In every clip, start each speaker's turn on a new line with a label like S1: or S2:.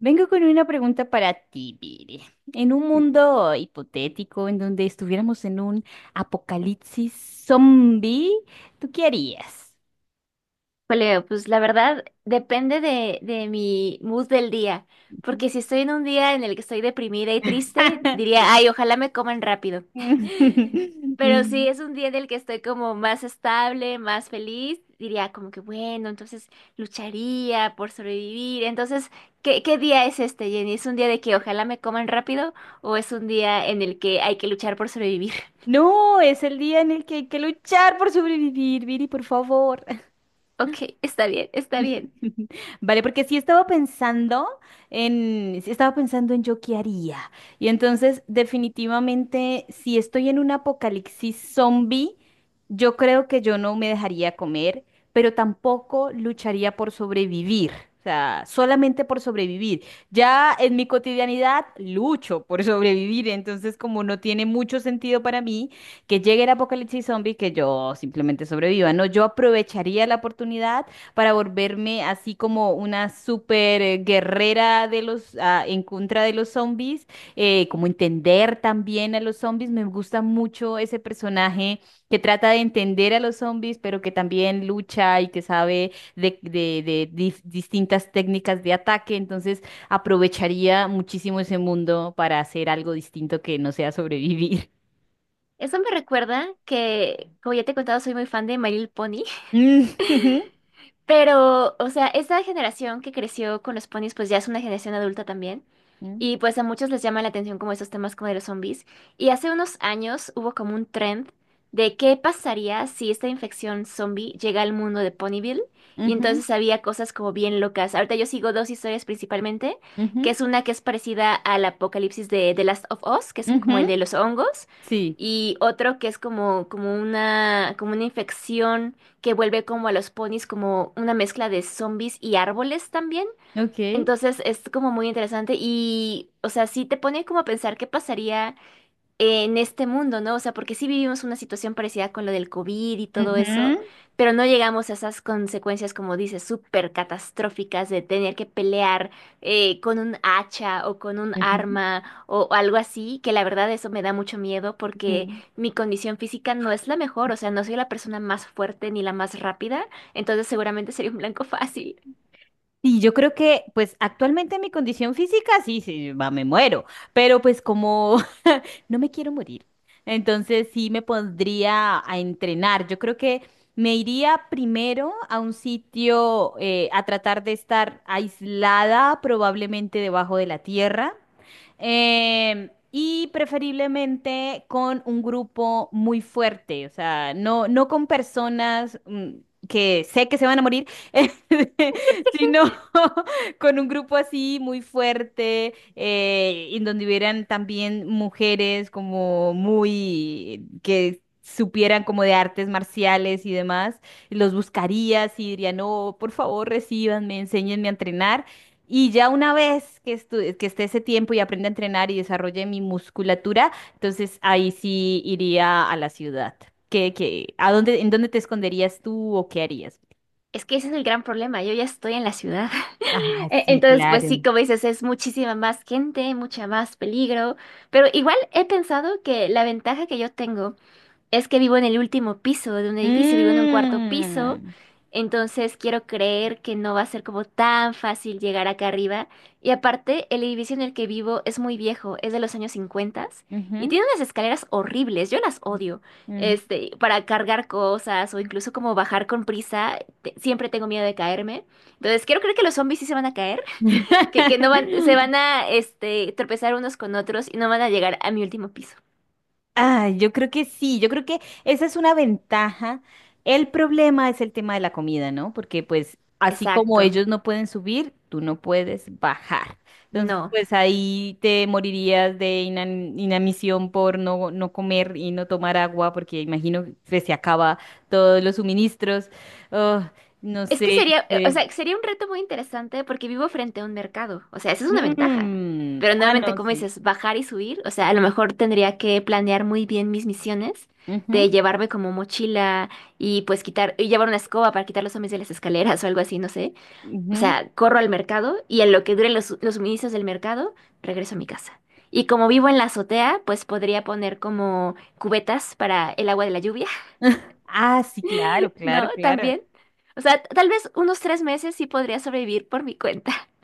S1: Vengo con una pregunta para ti, Viri. En un mundo hipotético en donde estuviéramos en un apocalipsis zombie, ¿tú qué harías?
S2: Julio, pues la verdad depende de mi mood del día, porque si estoy en un día en el que estoy deprimida y triste, diría, ay, ojalá me coman rápido. Pero si es un día en el que estoy como más estable, más feliz, diría como que bueno, entonces lucharía por sobrevivir. Entonces, ¿qué día es este, Jenny? ¿Es un día de que ojalá me coman rápido o es un día en el que hay que luchar por sobrevivir?
S1: No, es el día en el que hay que luchar por sobrevivir, Viri, por favor.
S2: Ok, está bien, está bien.
S1: Vale, porque sí estaba pensando sí estaba pensando en yo qué haría. Y entonces, definitivamente, si estoy en un apocalipsis zombie, yo creo que yo no me dejaría comer, pero tampoco lucharía por sobrevivir. O sea, solamente por sobrevivir. Ya en mi cotidianidad lucho por sobrevivir, entonces como no tiene mucho sentido para mí que llegue el apocalipsis zombie, que yo simplemente sobreviva, no, yo aprovecharía la oportunidad para volverme así como una super guerrera de los en contra de los zombies, como entender también a los zombies. Me gusta mucho ese personaje que trata de entender a los zombies, pero que también lucha y que sabe de distintas técnicas de ataque. Entonces aprovecharía muchísimo ese mundo para hacer algo distinto que no sea sobrevivir.
S2: Eso me recuerda que, como ya te he contado, soy muy fan de My Little Pony.
S1: Mm,
S2: Pero, o sea, esta generación que creció con los ponis, pues ya es una generación adulta también. Y pues a muchos les llama la atención como esos temas como de los zombies. Y hace unos años hubo como un trend de qué pasaría si esta infección zombie llega al mundo de Ponyville. Y
S1: mm,
S2: entonces había cosas como bien locas. Ahorita yo sigo dos historias principalmente, que
S1: ujú,
S2: es una que es parecida al apocalipsis de The Last of Us, que es
S1: ujú,
S2: como el de
S1: ujú.
S2: los hongos,
S1: Sí,
S2: y otro que es como, como una infección que vuelve como a los ponis como una mezcla de zombies y árboles también.
S1: ok.
S2: Entonces es como muy interesante y, o sea, sí te pone como a pensar qué pasaría en este mundo, ¿no? O sea, porque sí vivimos una situación parecida con lo del COVID y todo eso, pero no llegamos a esas consecuencias, como dices, súper catastróficas de tener que pelear con un hacha o con un
S1: Ujú.
S2: arma o algo así, que la verdad eso me da mucho miedo porque
S1: Mm.
S2: mi condición física no es la mejor, o sea, no soy la persona más fuerte ni la más rápida, entonces seguramente sería un blanco fácil.
S1: Y yo creo que, pues actualmente mi condición física, sí, sí, va, me muero, pero pues como no me quiero morir. Entonces sí me pondría a entrenar. Yo creo que me iría primero a un sitio a tratar de estar aislada, probablemente debajo de la tierra. Y preferiblemente con un grupo muy fuerte, o sea, no con personas mm, que sé que se van a morir, sino con un grupo así muy fuerte, en donde hubieran también mujeres como muy que supieran como de artes marciales y demás, y los buscarías y dirían, no, por favor, recíbanme, enséñenme a entrenar. Y ya una vez que esté ese tiempo y aprenda a entrenar y desarrolle mi musculatura, entonces ahí sí iría a la ciudad. ¿ A dónde, en dónde te esconderías tú o qué harías?
S2: Es que ese es el gran problema, yo ya estoy en la ciudad.
S1: Ah,
S2: E-
S1: sí,
S2: Entonces, pues sí,
S1: claro.
S2: como dices, es muchísima más gente, mucha más peligro, pero igual he pensado que la ventaja que yo tengo es que vivo en el último piso de un edificio, vivo en un cuarto piso,
S1: Mm.
S2: entonces quiero creer que no va a ser como tan fácil llegar acá arriba. Y aparte, el edificio en el que vivo es muy viejo, es de los años 50 y
S1: Ujú,
S2: tiene unas escaleras horribles, yo las odio.
S1: ujú.
S2: Este, para cargar cosas o incluso como bajar con prisa, siempre tengo miedo de caerme. Entonces quiero creer que los zombies sí se van a caer, que no van, se van a tropezar unos con otros y no van a llegar a mi último piso.
S1: Ah, yo creo que sí, yo creo que esa es una ventaja. El problema es el tema de la comida, ¿no? Porque pues así como
S2: Exacto,
S1: ellos no pueden subir, tú no puedes bajar. Entonces,
S2: no.
S1: pues ahí te morirías de inanición por no comer y no tomar agua, porque imagino que se acaba todos los suministros. Oh, no
S2: Es que
S1: sé, no
S2: sería, o
S1: sé.
S2: sea, sería un reto muy interesante porque vivo frente a un mercado. O sea, esa es una ventaja.
S1: Mm,
S2: Pero
S1: ah,
S2: nuevamente,
S1: no,
S2: como
S1: sí.
S2: dices, bajar y subir. O sea, a lo mejor tendría que planear muy bien mis misiones
S1: Ujú,
S2: de llevarme como mochila y pues quitar, y llevar una escoba para quitar los zombies de las escaleras o algo así, no sé. O
S1: ujú.
S2: sea, corro al mercado y en lo que duren los suministros del mercado, regreso a mi casa. Y como vivo en la azotea, pues podría poner como cubetas para el agua de la lluvia
S1: Ah, sí, claro,
S2: no,
S1: claro, claro.
S2: también. O sea, tal vez unos 3 meses sí podría sobrevivir por mi cuenta.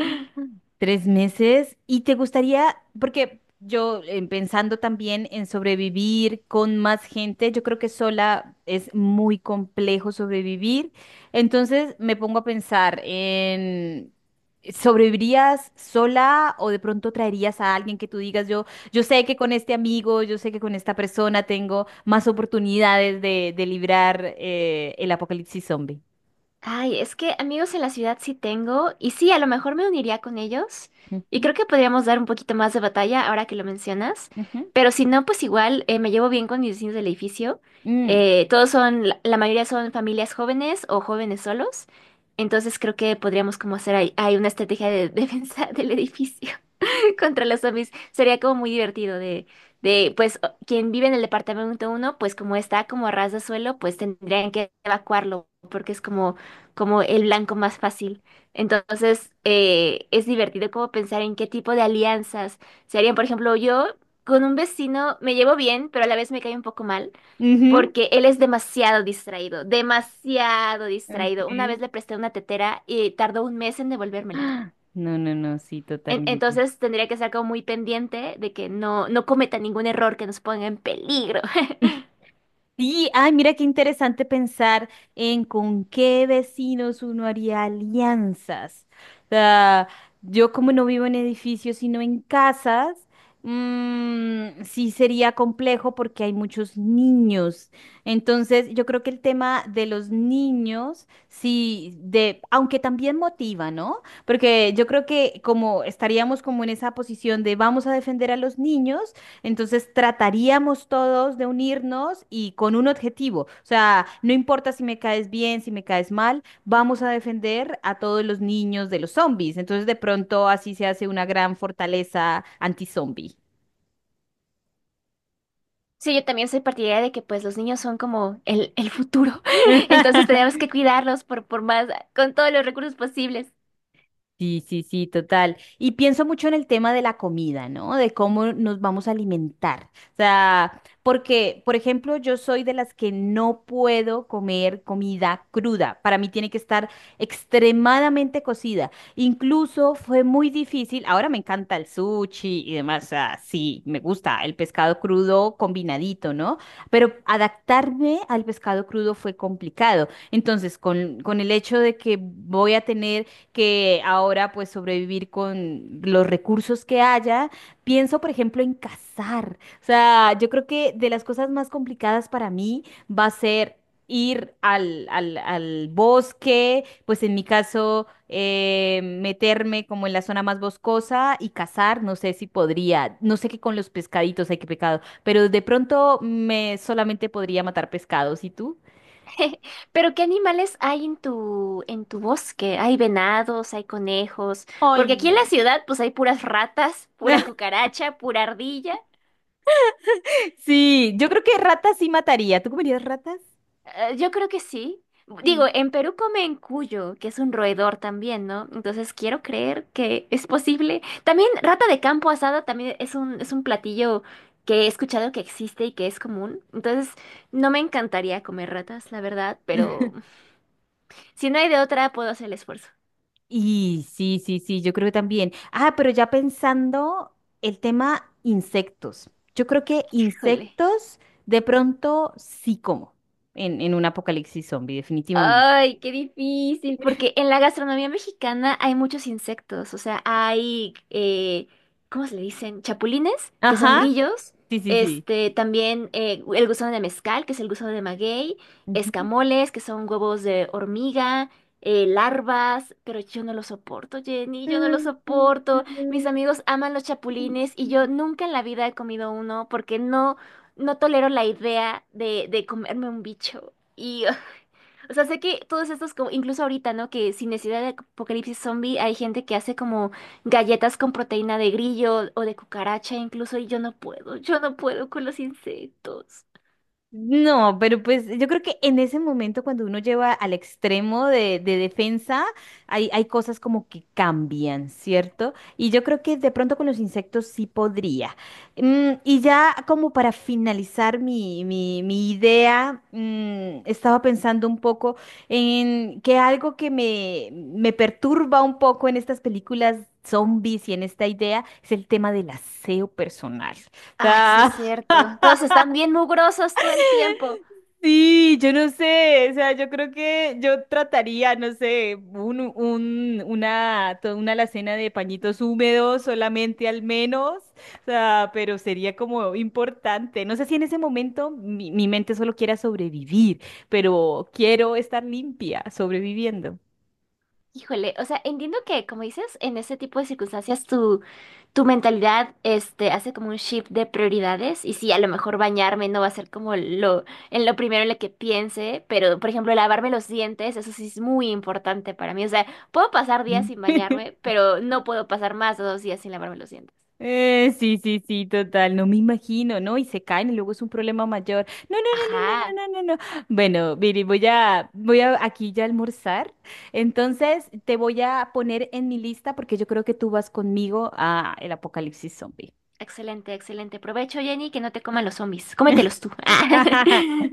S1: Tres meses. ¿Y te gustaría, porque yo pensando también en sobrevivir con más gente, yo creo que sola es muy complejo sobrevivir. Entonces me pongo a pensar en, ¿sobrevivirías sola o de pronto traerías a alguien que tú digas, yo sé que con este amigo, yo sé que con esta persona tengo más oportunidades de librar el apocalipsis zombie?
S2: Ay, es que amigos en la ciudad sí tengo, y sí, a lo mejor me uniría con ellos, y
S1: Ujú,
S2: creo que podríamos dar un poquito más de batalla ahora que lo mencionas,
S1: ujú.
S2: pero si no, pues igual me llevo bien con mis vecinos del edificio.
S1: Mm,
S2: Todos son, la mayoría son familias jóvenes o jóvenes solos, entonces creo que podríamos como hacer ahí una estrategia de defensa del edificio. contra los zombies. Sería como muy divertido de, pues, quien vive en el departamento uno, pues como está como a ras de suelo, pues tendrían que evacuarlo, porque es como, como el blanco más fácil. Entonces, es divertido como pensar en qué tipo de alianzas se harían. Por ejemplo, yo con un vecino me llevo bien, pero a la vez me cae un poco mal.
S1: ujú.
S2: Porque él es demasiado distraído, demasiado distraído. Una vez
S1: Ok.
S2: le presté una tetera y tardó un mes en devolvérmela.
S1: No, no, no, sí, totalmente.
S2: Entonces tendría que estar como muy pendiente de que no, no cometa ningún error que nos ponga en peligro.
S1: Sí, ay, mira qué interesante pensar en con qué vecinos uno haría alianzas. O sea, yo como no vivo en edificios, sino en casas, mm, sí sería complejo porque hay muchos niños. Entonces, yo creo que el tema de los niños, sí, de, aunque también motiva, ¿no? Porque yo creo que como estaríamos como en esa posición de vamos a defender a los niños. Entonces trataríamos todos de unirnos y con un objetivo. O sea, no importa si me caes bien, si me caes mal, vamos a defender a todos los niños de los zombies. Entonces de pronto así se hace una gran fortaleza anti-zombie.
S2: Sí, yo también soy partidaria de que pues los niños son como el futuro. Entonces tenemos que cuidarlos por más, con todos los recursos posibles.
S1: Sí, sí, sí, total. Y pienso mucho en el tema de la comida, ¿no? De cómo nos vamos a alimentar. O sea, porque, por ejemplo, yo soy de las que no puedo comer comida cruda. Para mí tiene que estar extremadamente cocida. Incluso fue muy difícil. Ahora me encanta el sushi y demás. O sea, sí, me gusta el pescado crudo combinadito, ¿no? Pero adaptarme al pescado crudo fue complicado. Entonces, con el hecho de que voy a tener que ahora pues sobrevivir con los recursos que haya. Pienso, por ejemplo, en cazar. O sea, yo creo que de las cosas más complicadas para mí va a ser ir al bosque, pues en mi caso, meterme como en la zona más boscosa y cazar, no sé si podría, no sé qué con los pescaditos hay que pecado, pero de pronto me solamente podría matar pescados, ¿y tú?
S2: Pero ¿qué animales hay en tu bosque? Hay venados, hay conejos,
S1: Ay,
S2: porque aquí en la
S1: no.
S2: ciudad pues hay puras ratas, pura cucaracha, pura ardilla.
S1: Sí, yo creo que ratas sí mataría. ¿Tú comerías ratas?
S2: Yo creo que sí. Digo,
S1: Sí.
S2: en Perú comen cuyo, que es un roedor también, ¿no? Entonces quiero creer que es posible. También rata de campo asada también es un platillo que he escuchado que existe y que es común. Entonces, no me encantaría comer ratas, la verdad, pero si no hay de otra, puedo hacer el esfuerzo.
S1: Y sí, sí, sí, yo creo que también. Ah, pero ya pensando el tema insectos. Yo creo que
S2: Jole.
S1: insectos de pronto sí como en un apocalipsis zombie, definitivamente.
S2: Ay, qué difícil, porque en la gastronomía mexicana hay muchos insectos, o sea, hay, ¿cómo se le dicen? Chapulines, que son
S1: Ajá,
S2: grillos,
S1: sí, sí, sí.
S2: este, también el gusano de mezcal, que es el gusano de maguey, escamoles, que son huevos de hormiga, larvas, pero yo no lo soporto, Jenny, yo no lo soporto. Mis amigos aman los chapulines y
S1: Ujú.
S2: yo nunca en la vida he comido uno porque no tolero la idea de, comerme un bicho. O sea, sé que todos estos, como, incluso ahorita, ¿no? Que sin necesidad de apocalipsis zombie, hay gente que hace como galletas con proteína de grillo o de cucaracha, incluso, y yo no puedo con los insectos.
S1: No, pero pues yo creo que en ese momento cuando uno lleva al extremo de defensa, hay cosas como que cambian, ¿cierto? Y yo creo que de pronto con los insectos sí podría. Mm, y ya como para finalizar mi idea, mm, estaba pensando un poco en que algo que me perturba un poco en estas películas zombies y en esta idea es el tema del aseo personal. O
S2: Ay, sí es
S1: sea,
S2: cierto. Todos están bien mugrosos todo el tiempo.
S1: sí, yo no sé, o sea, yo creo que yo trataría, no sé, toda una alacena de pañitos húmedos solamente al menos, o sea, pero sería como importante. No sé si en ese momento mi mente solo quiera sobrevivir, pero quiero estar limpia, sobreviviendo.
S2: Híjole, o sea, entiendo que, como dices, en ese tipo de circunstancias tu mentalidad hace como un shift de prioridades y sí, a lo mejor bañarme no va a ser como en lo primero en lo que piense, pero por ejemplo, lavarme los dientes, eso sí es muy importante para mí. O sea, puedo pasar días sin bañarme, pero no puedo pasar más de 2 días sin lavarme los dientes.
S1: Sí, sí, sí, total, no me imagino, ¿no? Y se caen y luego es un problema mayor. No, no, no, no,
S2: Ajá,
S1: no, no, no, no, no. Bueno, Viri, voy voy a aquí ya almorzar. Entonces, te voy a poner en mi lista porque yo creo que tú vas conmigo a el apocalipsis zombie.
S2: excelente, excelente. Provecho, Jenny, que no te coman los zombies. Cómetelos tú.